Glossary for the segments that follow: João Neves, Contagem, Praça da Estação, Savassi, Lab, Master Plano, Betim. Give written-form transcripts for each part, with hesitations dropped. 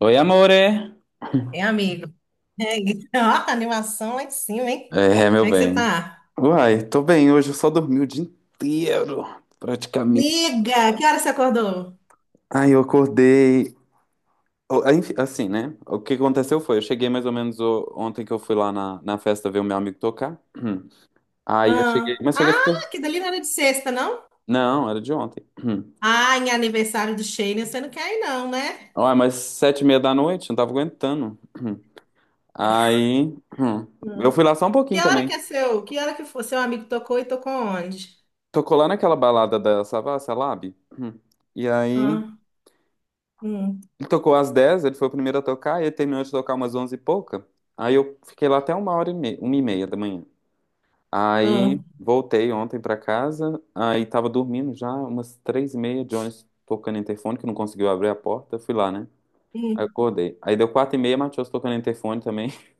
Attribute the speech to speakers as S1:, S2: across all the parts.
S1: Oi, amore.
S2: É, amigo. É, ó, animação lá em cima, hein?
S1: É, meu
S2: Como é que você
S1: bem.
S2: tá?
S1: Uai, tô bem. Hoje eu só dormi o dia inteiro, praticamente.
S2: Liga! Que hora você acordou?
S1: Ai, eu acordei. Aí, enfim, assim, né? O que aconteceu foi, eu cheguei mais ou menos ontem que eu fui lá na festa ver o meu amigo tocar. Hum. Aí eu
S2: Ah,
S1: cheguei, mas cheguei super.
S2: ah, que dali não era de sexta, não?
S1: Não, era de ontem. Hum.
S2: Ah, em aniversário do Shane, você não quer ir, não, né?
S1: Uai, mas 7h30 da noite, não tava aguentando. Hum. Aí, hum, eu
S2: Hum.
S1: fui lá só um pouquinho
S2: Que hora que é
S1: também.
S2: seu? Que hora que foi? Seu amigo tocou e tocou onde?
S1: Tocou lá naquela balada da Savassi, a Lab. Hum. E aí,
S2: Ah, hum,
S1: ele tocou às 10h, ele foi o primeiro a tocar, e ele terminou de tocar umas 11 e pouca. Aí eu fiquei lá até 1h30, 1h30 da manhã. Aí
S2: hum,
S1: voltei ontem pra casa, aí tava dormindo já, umas 3h30, Jones tocando interfone, que não conseguiu abrir a porta, fui lá, né? Aí eu
S2: hum.
S1: acordei. Aí deu 4h30, Matheus tocando interfone também.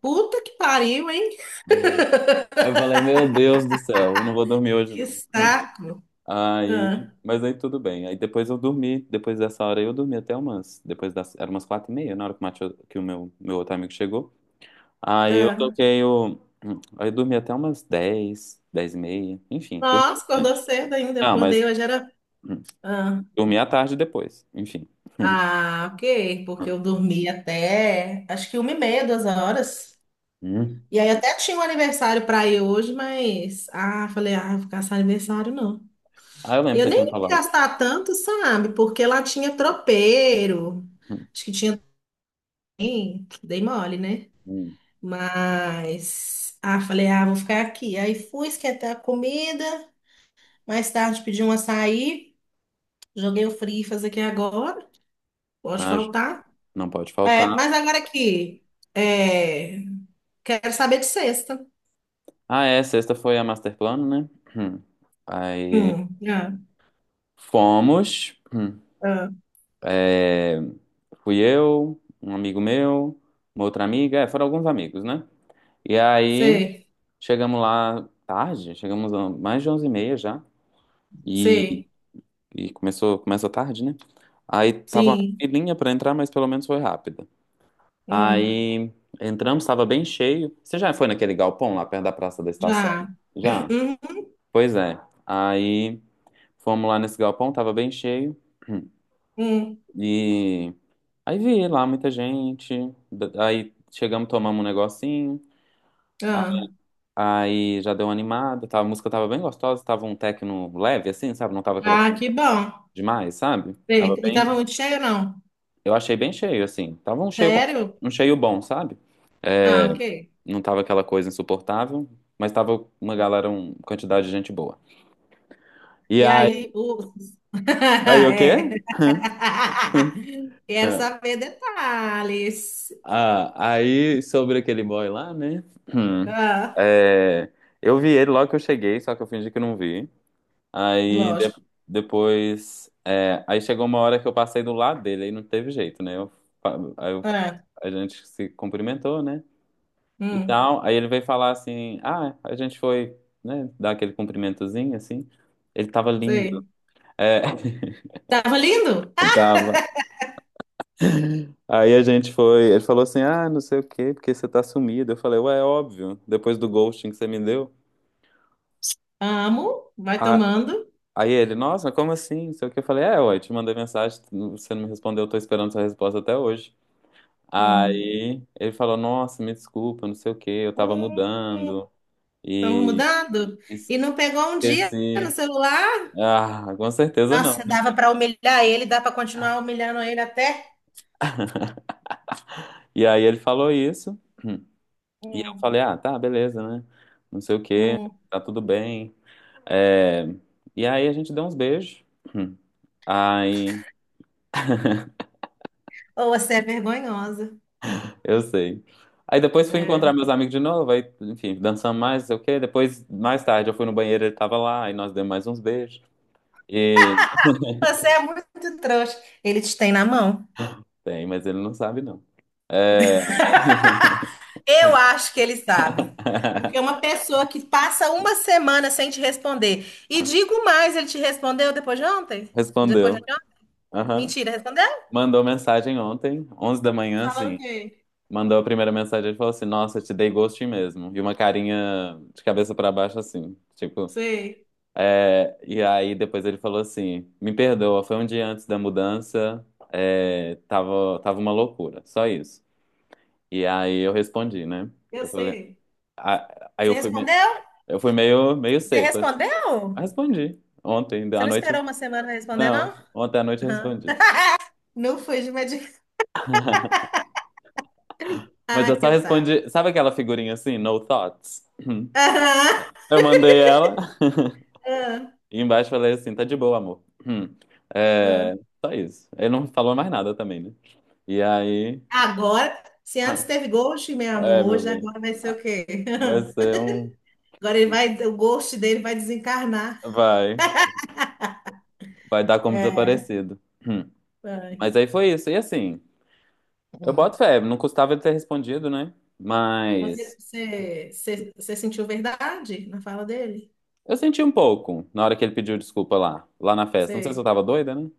S2: Puta que pariu, hein?
S1: Hum. Aí eu falei, meu Deus do céu, eu não vou dormir hoje
S2: Que
S1: não. Hum.
S2: saco.
S1: Aí,
S2: Ah,
S1: mas aí tudo bem. Aí depois eu dormi, depois dessa hora aí eu dormi até umas, depois das, era umas 4h30, na hora que o Matheus, que o meu outro amigo chegou. Aí eu
S2: ah.
S1: toquei o. Aí eu dormi até umas 10h 10h30. Enfim, dormi
S2: Nossa, acordou
S1: bastante.
S2: cedo ainda. Eu
S1: Não,
S2: acordei
S1: mas
S2: hoje, era.
S1: hum, dormi à tarde depois. Enfim.
S2: Ah, ok, porque eu dormi até acho que uma e meia, duas horas.
S1: Hum.
S2: E aí até tinha um aniversário para ir hoje, mas ah, falei, ah, vou ficar sem aniversário não.
S1: Ah, eu lembro
S2: E
S1: que
S2: eu
S1: você
S2: nem
S1: tinha
S2: ia
S1: falado.
S2: gastar tanto, sabe? Porque lá tinha tropeiro.
S1: Hum,
S2: Acho que tinha também, dei mole, né?
S1: hum.
S2: Mas ah, falei, ah, vou ficar aqui. Aí fui esquentar a comida, mais tarde pedi um açaí, joguei o fritas aqui agora. Pode
S1: Ah,
S2: faltar.
S1: não pode faltar.
S2: É, mas agora aqui. é, Quero saber de sexta.
S1: Ah, é, sexta foi a Master Plano, né? Hum. Aí
S2: Ah,
S1: fomos. Hum.
S2: ah,
S1: É, fui eu, um amigo meu, uma outra amiga, é, foram alguns amigos, né? E aí
S2: sei,
S1: chegamos lá tarde, chegamos a mais de 11h30 já. E
S2: sei,
S1: E começou, começa tarde, né? Aí tava uma
S2: sim,
S1: filinha pra entrar, mas pelo menos foi rápida.
S2: hum,
S1: Aí entramos, tava bem cheio. Você já foi naquele galpão lá perto da Praça da Estação?
S2: já.
S1: Já? Pois é. Aí fomos lá nesse galpão, tava bem cheio.
S2: Uhum,
S1: E aí vi lá muita gente. Aí chegamos, tomamos um negocinho. A-
S2: ah,
S1: Aí já deu uma animada. Tava, a música tava bem gostosa, tava um techno leve, assim, sabe? Não tava aquela
S2: ah,
S1: coisa
S2: que bom.
S1: demais, sabe? Tava
S2: Sei. E tava
S1: bem.
S2: muito cheio, não?
S1: Eu achei bem cheio, assim. Tava
S2: Sério?
S1: um cheio bom, sabe?
S2: Ah, ok.
S1: Não tava aquela coisa insuportável, mas tava uma galera, uma quantidade de gente boa. E
S2: E
S1: aí,
S2: aí, o...
S1: aí o quê?
S2: É. Quero
S1: Ah,
S2: saber detalhes.
S1: ah, aí sobre aquele boy lá, né? Hum.
S2: Ah,
S1: É, eu vi ele logo que eu cheguei, só que eu fingi que não vi. Aí
S2: lógico.
S1: depois, é, aí chegou uma hora que eu passei do lado dele, aí não teve jeito, né? Eu, fa- aí eu-
S2: Ah,
S1: A gente se cumprimentou, né? E
S2: hum,
S1: tal. Aí ele veio falar assim: ah, a gente foi, né, dar aquele cumprimentozinho assim. Ele tava lindo.
S2: sei.
S1: É,
S2: Tava lindo?
S1: tava. Aí a gente foi, ele falou assim: ah, não sei o quê, porque você tá sumido. Eu falei: ué, é óbvio, depois do ghosting que você me deu.
S2: Amo. Vai
S1: Ah,
S2: tomando.
S1: aí ele: nossa, como assim? Não sei o que. Eu falei: é, ué, te mandei mensagem, você não me respondeu, eu tô esperando sua resposta até hoje.
S2: Hum.
S1: Aí ele falou: nossa, me desculpa, não sei o que, eu tava
S2: Hum.
S1: mudando
S2: Estão
S1: e
S2: mudando? E não pegou um dia no
S1: esqueci.
S2: celular?
S1: Ah, com certeza não.
S2: Nossa, dava para humilhar ele, dá para continuar humilhando ele até.
S1: E aí ele falou isso, e eu falei,
S2: Hum,
S1: ah, tá, beleza, né? Não sei o quê,
S2: hum.
S1: tá tudo bem. É, e aí a gente deu uns beijos. Aí,
S2: Ou você é vergonhosa.
S1: eu sei. Aí depois fui
S2: É.
S1: encontrar meus amigos de novo, aí, enfim, dançamos mais, não sei o quê. Depois, mais tarde, eu fui no banheiro, ele tava lá, aí nós demos mais uns beijos. E
S2: Você é muito trouxa. Ele te tem na mão.
S1: tem, mas ele não sabe, não. É...
S2: Eu acho que ele sabe. Porque uma pessoa que passa uma semana sem te responder. E digo mais, ele te respondeu depois de ontem? Depois de
S1: Respondeu.
S2: ontem?
S1: Aham.
S2: Mentira, respondeu?
S1: Mandou mensagem ontem, 11h da manhã,
S2: Falando o
S1: assim.
S2: quê?
S1: Mandou a primeira mensagem e falou assim: nossa, te dei ghosting mesmo. E uma carinha de cabeça pra baixo assim, tipo.
S2: Sei,
S1: É, e aí depois ele falou assim: me perdoa, foi um dia antes da mudança, é, tava uma loucura, só isso. E aí eu respondi, né?
S2: eu
S1: Eu falei.
S2: sei.
S1: Aí
S2: Você
S1: eu fui,
S2: respondeu?
S1: eu fui meio, meio
S2: Você
S1: seco, assim. Eu
S2: respondeu?
S1: respondi. Ontem,
S2: Você
S1: à
S2: não
S1: noite.
S2: esperou uma semana pra responder,
S1: Não,
S2: não?
S1: ontem à noite eu
S2: Aham.
S1: respondi.
S2: Não foi de medicação.
S1: Mas
S2: Ah,
S1: eu só
S2: que otário.
S1: respondi. Sabe aquela figurinha assim, no thoughts?
S2: Aham,
S1: Eu mandei ela.
S2: aham,
S1: E embaixo falei assim, tá de boa, amor. Hum. É,
S2: aham.
S1: só isso. Ele não falou mais nada também, né? E aí.
S2: Agora, se antes teve ghost, meu amor,
S1: É, meu
S2: hoje
S1: bem.
S2: agora vai ser o quê?
S1: Vai ser um.
S2: Agora ele vai, o ghost dele vai desencarnar.
S1: Vai. Vai dar como
S2: É,
S1: desaparecido. Hum.
S2: vai.
S1: Mas aí foi isso. E assim, eu boto
S2: Hum.
S1: fé, não custava ele ter respondido, né?
S2: Mas
S1: Mas
S2: você sentiu verdade na fala dele?
S1: eu senti um pouco na hora que ele pediu desculpa lá na festa. Não sei se eu
S2: Sei,
S1: tava doida, né?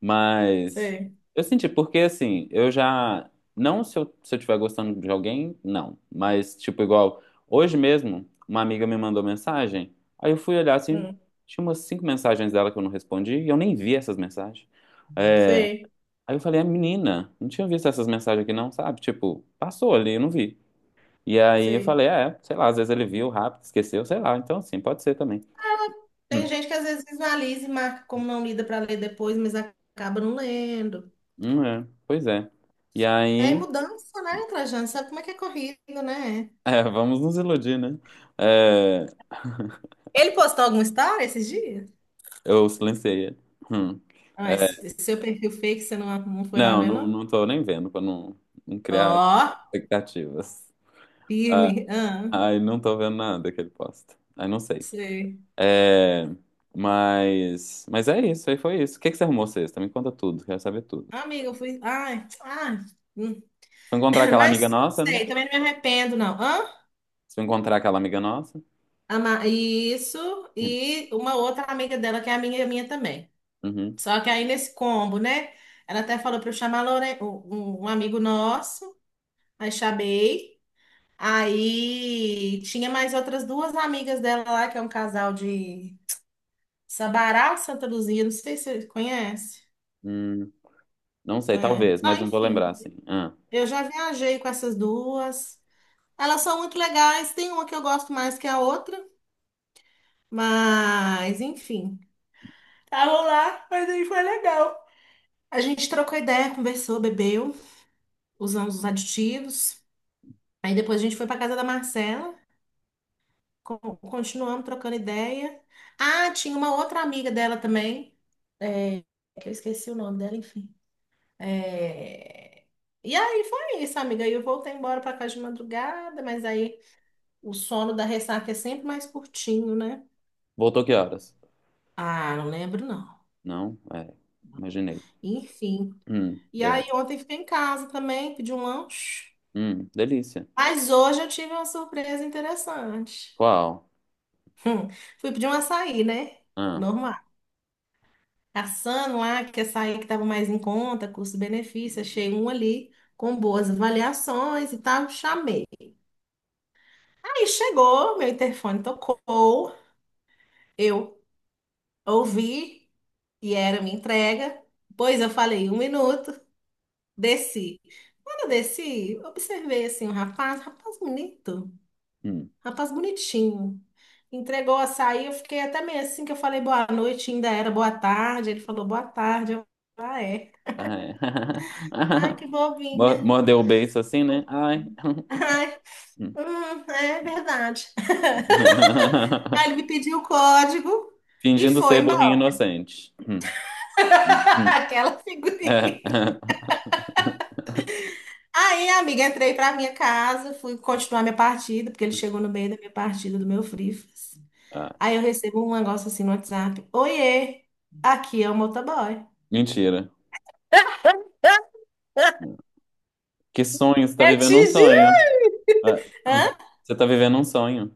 S1: Mas
S2: sei,
S1: eu senti, porque assim, eu já. Não se eu tiver gostando de alguém, não. Mas, tipo, igual, hoje mesmo, uma amiga me mandou mensagem. Aí eu fui olhar assim,
S2: hum,
S1: tinha umas cinco mensagens dela que eu não respondi e eu nem vi essas mensagens. É,
S2: sei,
S1: aí eu falei, a menina, não tinha visto essas mensagens aqui, não, sabe? Tipo, passou ali, eu não vi. E aí eu
S2: sei.
S1: falei, é, sei lá, às vezes ele viu rápido, esqueceu, sei lá. Então, assim, pode ser também.
S2: Tem
S1: Hum,
S2: gente que às vezes visualiza e marca como não lida para ler depois, mas acaba não lendo.
S1: é, pois é. E
S2: É
S1: aí.
S2: mudança, né, Trajano? Sabe como é que é corrido, né?
S1: É, vamos nos iludir, né? É,
S2: Ele postou algum história esses dias?
S1: eu silenciei ele. Hum.
S2: Ah,
S1: É,
S2: esse seu perfil fake, você não foi lá
S1: não,
S2: ver,
S1: não,
S2: não?
S1: não tô nem vendo pra não, não
S2: Ó,
S1: criar expectativas. Ah,
S2: firme. Ah,
S1: ai, não tô vendo nada que ele posta. Ai, não sei.
S2: sei.
S1: É, mas é isso, aí foi isso. O que que você arrumou sexta? Me conta tudo, quero saber tudo.
S2: Amiga, eu fui. Ai, ai. Hum.
S1: Foi encontrar aquela amiga
S2: Mas,
S1: nossa, né?
S2: sei, também não me arrependo, não. Hã?
S1: Se eu encontrar aquela amiga nossa.
S2: Isso.
S1: Hum,
S2: E uma outra amiga dela, que é amiga minha também.
S1: uhum,
S2: Só que aí nesse combo, né? Ela até falou pra eu chamar a Lore- um um um amigo nosso. Aí chamei. Aí tinha mais outras duas amigas dela lá, que é um casal de Sabará, Santa Luzia, não sei se você conhece.
S1: hum, não sei,
S2: É.
S1: talvez, mas
S2: Ah,
S1: não vou
S2: enfim,
S1: lembrar assim. Ah,
S2: eu já viajei com essas duas. Elas são muito legais, tem uma que eu gosto mais que a outra, mas enfim. Estavam lá, mas aí foi legal. A gente trocou ideia, conversou, bebeu, usamos os aditivos. Aí depois a gente foi pra casa da Marcela. Continuamos trocando ideia. Ah, tinha uma outra amiga dela também, é, que eu esqueci o nome dela, enfim. É, e aí foi isso, amiga. Aí eu voltei embora para casa de madrugada, mas aí o sono da ressaca é sempre mais curtinho, né?
S1: voltou que horas?
S2: Ah, não lembro não.
S1: Não? É, imaginei.
S2: Enfim. E
S1: É.
S2: aí ontem fiquei em casa também, pedi um lanche.
S1: Delícia.
S2: Mas hoje eu tive uma surpresa interessante.
S1: Qual?
S2: Hum, fui pedir um açaí, né?
S1: Ah,
S2: Caçando lá, que essa aí que estava mais em conta, custo-benefício, achei um ali com boas avaliações e tal, chamei. Aí chegou, meu interfone tocou, eu ouvi e era minha entrega, pois eu falei um minuto, desci. Quando eu desci, observei assim um rapaz, rapaz bonito,
S1: hum.
S2: rapaz bonitinho. Entregou o açaí, eu fiquei até meio assim que eu falei boa noite, ainda era boa tarde. Ele falou boa tarde. Eu, é.
S1: Ai.
S2: Ai, que bobinha.
S1: Mordeu o beiço assim, né? Ai. Hum.
S2: É verdade. Aí ele me pediu o código e
S1: Fingindo
S2: foi
S1: ser
S2: embora.
S1: burrinho inocente. Hum, hum.
S2: Aquela
S1: É.
S2: figurinha. Aí, amiga, entrei pra minha casa, fui continuar minha partida, porque ele chegou no meio da minha partida do meu Frifas.
S1: Ah,
S2: Aí eu recebo um negócio assim no WhatsApp. Oiê, aqui é o motoboy.
S1: mentira. Que sonho? Você tá
S2: Eu te
S1: vivendo um
S2: juro.
S1: sonho. Ah,
S2: Hã?
S1: você tá vivendo um sonho.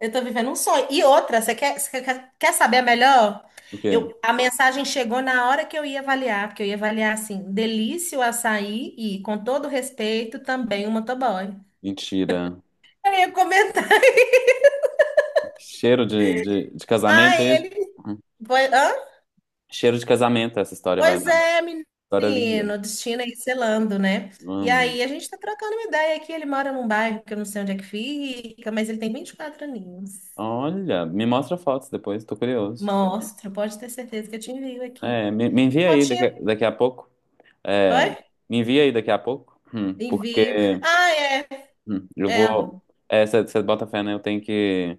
S2: Eu tô vivendo um sonho. E outra, quer saber a melhor?
S1: O quê?
S2: A mensagem chegou na hora que eu ia avaliar, porque eu ia avaliar assim, delícia o açaí e, com todo respeito, também o motoboy.
S1: Mentira.
S2: Eu ia comentar.
S1: Cheiro de casamento,
S2: Ai,
S1: é isso?
S2: ele.
S1: Hum.
S2: Pois, hã?
S1: Cheiro de casamento essa história vai
S2: Pois
S1: dar.
S2: é,
S1: História linda.
S2: menino, destino aí selando, né? E
S1: Amo.
S2: aí a gente tá trocando uma ideia aqui. Ele mora num bairro que eu não sei onde é que fica, mas ele tem 24 aninhos.
S1: Olha, me mostra fotos depois, tô curioso.
S2: Mostro, pode ter certeza que eu te envio aqui.
S1: É, me envia aí daqui,
S2: Fotinha.
S1: daqui a pouco. É,
S2: Oi?
S1: me envia aí daqui a pouco, porque
S2: Envio. Ah,
S1: eu
S2: é,
S1: vou.
S2: amor.
S1: É, você bota fé, né? Eu tenho que,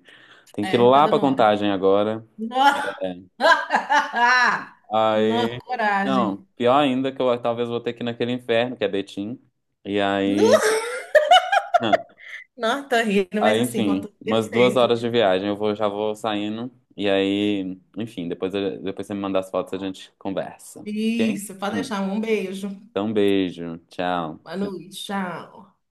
S1: tenho que ir
S2: É, tá
S1: lá pra
S2: dando hora.
S1: Contagem agora.
S2: Nossa, nossa,
S1: Aí.
S2: coragem.
S1: Não, pior ainda que eu talvez vou ter que ir naquele inferno, que é Betim. E aí.
S2: Nu-
S1: Não,
S2: Não, tô rindo, mas
S1: aí,
S2: assim, com
S1: enfim,
S2: todo
S1: umas duas
S2: respeito.
S1: horas de viagem. Eu vou, já vou saindo. E aí, enfim, depois, depois você me manda as fotos, a gente conversa. Ok?
S2: Isso, pode
S1: Hum.
S2: deixar. Um beijo.
S1: Então, um beijo. Tchau.
S2: Boa noite. Tchau.